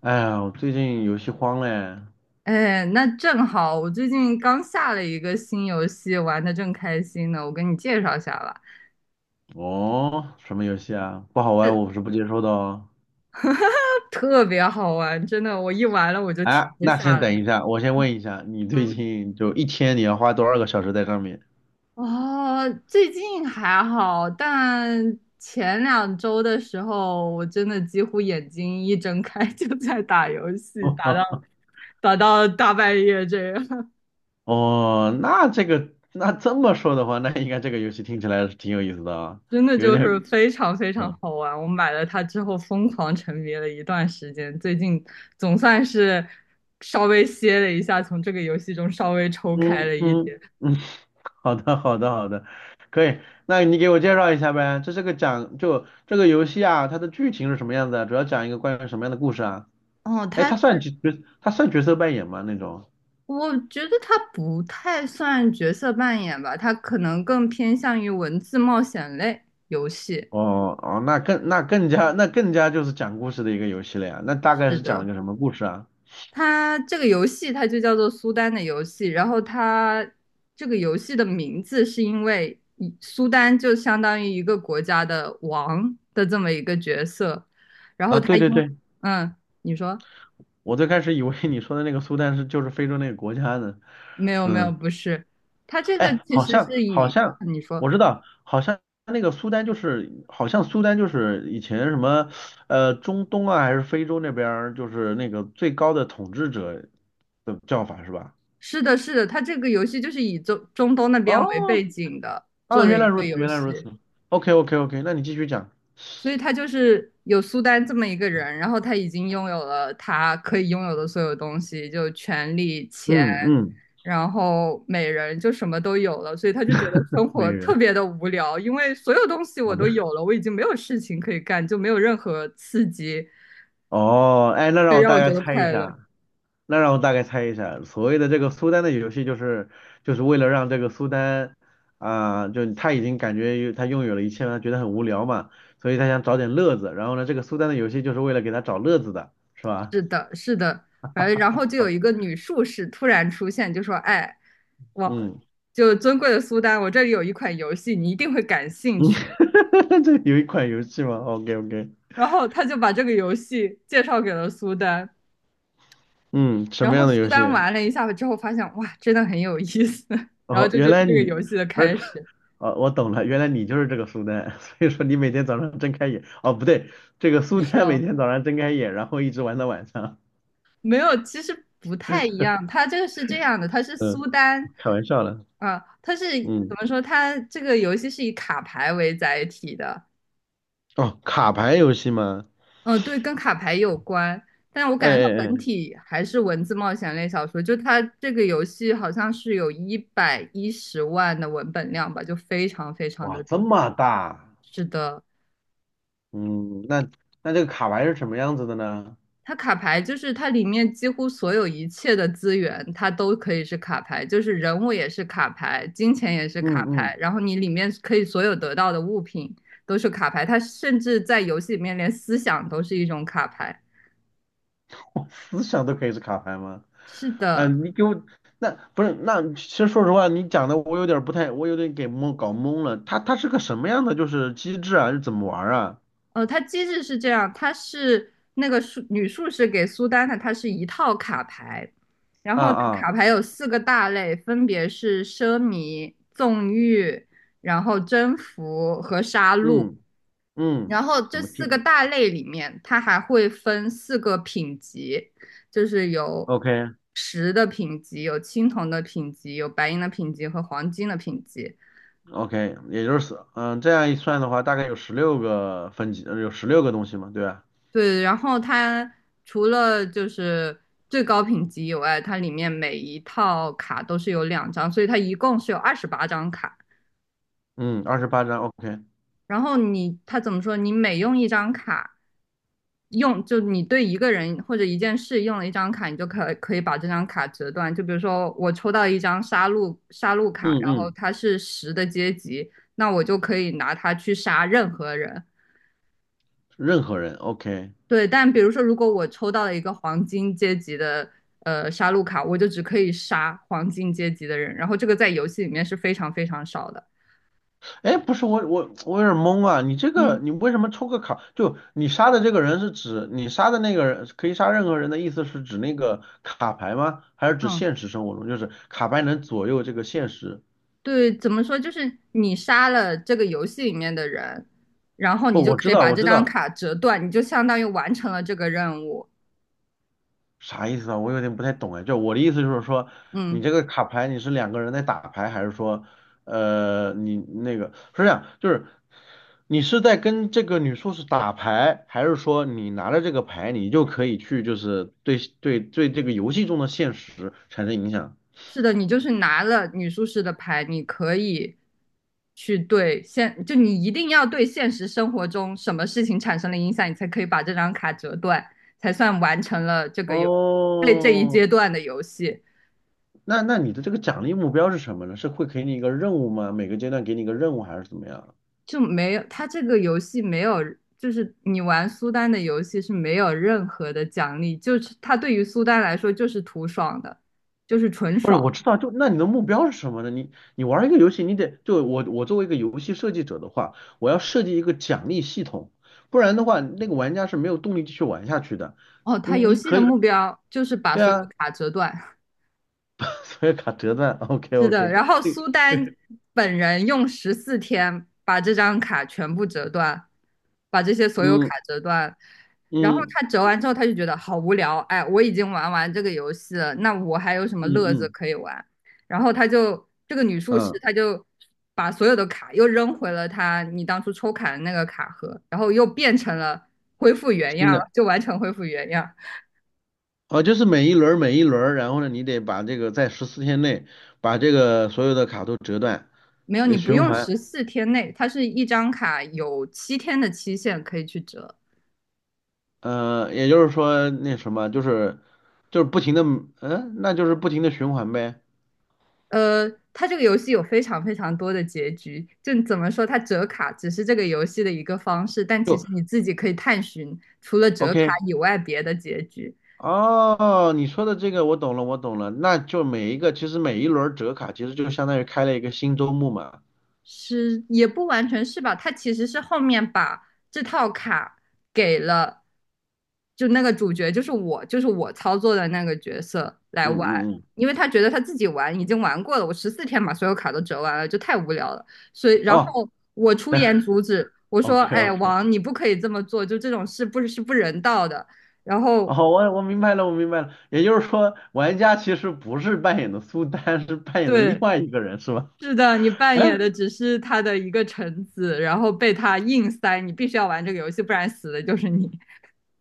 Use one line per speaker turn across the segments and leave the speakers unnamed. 哎呀，我最近游戏荒嘞。
哎，那正好，我最近刚下了一个新游戏，玩的正开心呢，我给你介绍一下吧。
哦，什么游戏啊？不好玩，
呃
我是不接受的哦。
特别好玩，真的，我一玩了我就停
哎，
不
那
下
先等
来。
一下，我先问一下，你最
嗯
近就一天你要花多少个小时在上面？
哦，最近还好，但前两周的时候，我真的几乎眼睛一睁开就在打游戏，打到 打到大半夜这样。
哦，那这个，那这么说的话，那应该这个游戏听起来是挺有意思的啊，
真的
有
就是
点，
非常非常
嗯
好玩。我买了它之后，疯狂沉迷了一段时间，最近总算是稍微歇了一下，从这个游戏中稍微抽开
嗯
了一
嗯
点。
嗯，好的好的好的，可以，那你给我介绍一下呗，这是个讲，就这个游戏啊，它的剧情是什么样子啊？主要讲一个关于什么样的故事啊？
哦，
哎，
它是，
他算角色扮演吗？那种？
我觉得它不太算角色扮演吧，它可能更偏向于文字冒险类游戏。
哦哦，那更那更加那更加就是讲故事的一个游戏了呀。那大概
是
是讲了
的，
个什么故事啊？
它这个游戏它就叫做苏丹的游戏，然后它这个游戏的名字是因为苏丹就相当于一个国家的王的这么一个角色，然后
啊，
它
对
因
对
为
对，
嗯，你说
我最开始以为你说的那个苏丹是就是非洲那个国家呢。
没有没有
嗯，
不是，它这个
哎，
其
好
实
像
是
好
以
像
你说
我知道，好像那个苏丹就是好像苏丹就是以前什么中东啊还是非洲那边儿就是那个最高的统治者的叫法是吧？
是的是的，它这个游戏就是以中东那边为背
哦
景的
啊，
做的
原来
一
如
个
此，
游
原来
戏。
如此。OK OK OK 那你继续讲。
所以他就是有苏丹这么一个人，然后他已经拥有了他可以拥有的所有东西，就权力、钱，
嗯嗯，
然后美人，就什么都有了，所以他就觉得生
美
活特
人，
别的无聊，因为所有东西我
好的。
都有了，我已经没有事情可以干，就没有任何刺激
哦，哎，
可以让我觉得快乐。
那让我大概猜一下，所谓的这个苏丹的游戏，就是为了让这个苏丹啊、就他已经感觉他拥有了一切，他觉得很无聊嘛，所以他想找点乐子。然后呢，这个苏丹的游戏就是为了给他找乐子的，是吧？
是的，是的，反正然后就有一个女术士突然出现，就说：“哎，我
嗯
就尊贵的苏丹，我这里有一款游戏，你一定会感兴
嗯，
趣。”
这有一款游戏吗？OK OK，
然后他就把这个游戏介绍给了苏丹，
嗯，什
然
么
后
样的
苏
游戏？
丹玩了一下之后发现，哇，真的很有意思。然后
哦，
这就
原
是
来
这个
你
游戏的
不是
开始。
哦，我懂了，原来你就是这个苏丹，所以说你每天早上睁开眼，哦，不对，这个
不
苏
是
丹每
哦，
天早上睁开眼，然后一直玩到晚上。
没有，其实不太一样。他这个是这样的，他是
嗯，
苏丹，
开玩笑了。
啊，它是
嗯，
怎么说？他这个游戏是以卡牌为载体的，
哦，卡牌游戏吗？
对，跟卡牌有关，但我
哎
感觉它
哎
本
哎，
体还是文字冒险类小说。就它这个游戏好像是有110万的文本量吧，就非常非常
哇，
的
这
多。
么大，
是的，
嗯，那这个卡牌是什么样子的呢？
它卡牌就是它里面几乎所有一切的资源，它都可以是卡牌，就是人物也是卡牌，金钱也是卡
嗯
牌，
嗯，
然后你里面可以所有得到的物品都是卡牌，它甚至在游戏里面连思想都是一种卡牌。
我思想都可以是卡牌吗？
是的。
嗯，你给我，那不是，那其实说实话，你讲的我有点儿不太，我有点给蒙搞懵了。它是个什么样的就是机制啊？是怎么玩儿啊？
它机制是这样，它是那个女术士给苏丹的，它是一套卡牌，然
啊？
后这
啊
卡牌有四个大类，分别是奢靡、纵欲、然后征服和杀戮。
嗯嗯，
然后
怎
这
么
四
定
个大类里面，它还会分四个品级，就是有
o k
石的品级、有青铜的品级、有白银的品级和黄金的品级。
OK，也就是嗯，这样一算的话，大概有十六个分级，有十六个东西嘛，对吧？
对，然后它除了就是最高品级以外，它里面每一套卡都是有两张，所以它一共是有28张卡。
嗯，28章，OK，
然后你，它怎么说？你每用一张卡，用就你对一个人或者一件事用了一张卡，你就可以把这张卡折断。就比如说我抽到一张杀戮卡，
嗯
然后
嗯，
它是十的阶级，那我就可以拿它去杀任何人。
任何人，OK。
对，但比如说，如果我抽到了一个黄金阶级的杀戮卡，我就只可以杀黄金阶级的人，然后这个在游戏里面是非常非常少的。
哎，不是我有点懵啊，你这个
嗯
你为什么抽个卡？就你杀的这个人是指你杀的那个人可以杀任何人的意思是指那个卡牌吗？还是指
嗯
现实生活中就是卡牌能左右这个现实？
对，怎么说？就是你杀了这个游戏里面的人，然后
不，
你就
我
可
知
以
道
把
我
这
知
张
道，
卡折断，你就相当于完成了这个任务。
啥意思啊？我有点不太懂哎。就我的意思就是说，你
嗯。
这个卡牌你是两个人在打牌，还是说，你那个是这样，就是你是在跟这个女术士打牌，还是说你拿着这个牌，你就可以去就是对这个游戏中的现实产生影响？
是的，你就是拿了女术士的牌，你可以去对现，就你一定要对现实生活中什么事情产生了影响，你才可以把这张卡折断，才算完成了这个游，这这一
哦，
阶段的游戏。
那你的这个奖励目标是什么呢？是会给你一个任务吗？每个阶段给你一个任务还是怎么样？
就没有，它这个游戏没有，就是你玩苏丹的游戏是没有任何的奖励，就是它对于苏丹来说就是图爽的，就是纯
不是，
爽。
我知道，就那你的目标是什么呢？你你玩一个游戏，你得就我作为一个游戏设计者的话，我要设计一个奖励系统，不然的话，那个玩家是没有动力继续玩下去的。
哦，它
你
游
你
戏
可
的
以，
目标就是把
对
所有的
啊，
卡折断。
所有卡折断，OK
是的，
OK，
然后
对，
苏丹本人用十四天把这张卡全部折断，把这些所有卡
嗯
折断。然后
嗯
他折完之后，他就觉得好无聊，哎，我已经玩完这个游戏了，那我还有什么
嗯
乐子
嗯
可以玩？然后他就这个女术士，
嗯，
她就把所有的卡又扔回了她你当初抽卡的那个卡盒，然后又变成了恢复原
新
样，
的，
就完全恢复原样。
哦，就是每一轮儿，然后呢，你得把这个在14天内把这个所有的卡都折断，
没有，你不
循
用
环。
十四天内，它是一张卡有7天的期限可以去折。
嗯，也就是说那什么，就是不停的，嗯，那就是不停的循环呗。
呃，它这个游戏有非常非常多的结局，就怎么说，它折卡只是这个游戏的一个方式，但其实
就
你自己可以探寻除了折卡
OK，
以外别的结局。
哦，你说的这个我懂了，我懂了。那就每一轮折卡其实就相当于开了一个新周目嘛。
是也不完全是吧？他其实是后面把这套卡给了，就那个主角，就是我，就是我操作的那个角色来
嗯
玩，
嗯嗯，
因为他觉得他自己玩已经玩过了，我十四天把所有卡都折完了，就太无聊了，所以然
哦
后我出言阻止，我说：
，OK
“哎，
OK，
王，你不可以这么做，就这种事不是不人道的。”然后
哦，我明白了，我明白了。也就是说，玩家其实不是扮演的苏丹，是扮演的另
对。
外一个人，是吧？
是的，你扮演的 只是他的一个臣子，然后被他硬塞，你必须要玩这个游戏，不然死的就是你。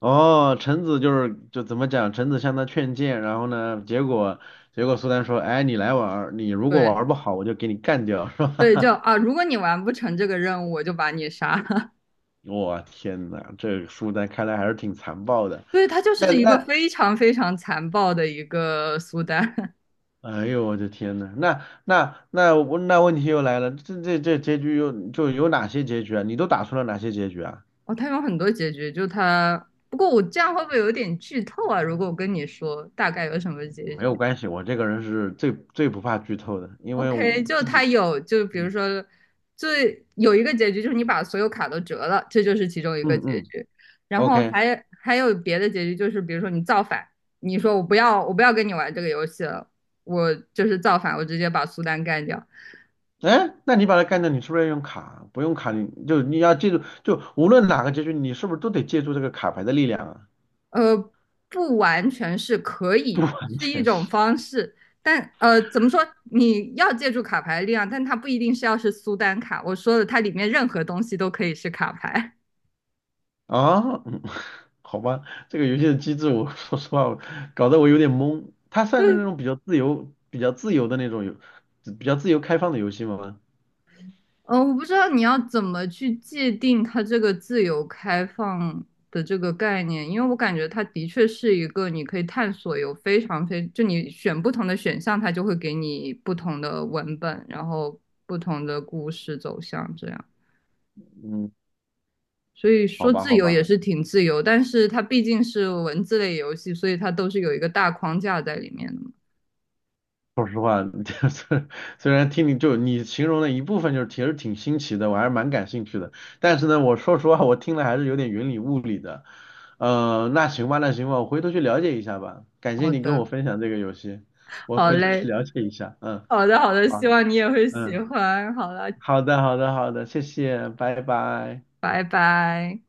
哦，臣子就是就怎么讲，臣子向他劝谏，然后呢，结果苏丹说，哎，你来玩儿你如果玩
对
儿不好，我就给你干掉，是
对，
吧？
就啊，如果你完不成这个任务，我就把你杀了。
我天呐，这个苏丹看来还是挺残暴的。
对，他就
那
是一个
那，
非常非常残暴的一个苏丹。
哎呦我的天呐，那问题又来了，这结局又就有哪些结局啊？你都打出了哪些结局啊？
哦，他有很多结局，就他。不过我这样会不会有点剧透啊？如果我跟你说大概有什么结
没有
局，
关系，我这个人是最不怕剧透的，因为
OK，
我
就
自
它
己，
有，就比如说，最有一个结局就是你把所有卡都折了，这就是其中一个
嗯
结
嗯
局。然后
，OK。
还有别的结局，就是比如说你造反，你说我不要，我不要跟你玩这个游戏了，我就是造反，我直接把苏丹干掉。
哎，那你把它干掉，你是不是要用卡？不用卡，你就你要记住，就无论哪个结局，你是不是都得借助这个卡牌的力量啊？
呃，不完全是可
不
以，
完
是一
全
种
是
方式，但怎么说？你要借助卡牌的力量，但它不一定是要是苏丹卡。我说的，它里面任何东西都可以是卡牌。
啊，嗯，好吧，这个游戏的机制我，说实话，我搞得我有点懵。它算是那 种比较自由开放的游戏吗？
嗯，我不知道你要怎么去界定它这个自由开放的这个概念，因为我感觉它的确是一个你可以探索有非常非，就你选不同的选项，它就会给你不同的文本，然后不同的故事走向这样。
嗯，
所以
好
说
吧，
自
好
由也
吧。
是挺自由，但是它毕竟是文字类游戏，所以它都是有一个大框架在里面的嘛。
说实话，就是虽然听你就你形容的一部分，就是其实挺新奇的，我还是蛮感兴趣的。但是呢，我说实话，我听了还是有点云里雾里的。那行吧，我回头去了解一下吧。感谢
好
你跟我
的，
分享这个游戏，我
好
回头去
嘞，
了解一下。嗯，
好的，好的，
好，
希望你也会喜
嗯，
欢。好了，
好的，好的，好的，谢谢，拜拜。
拜拜。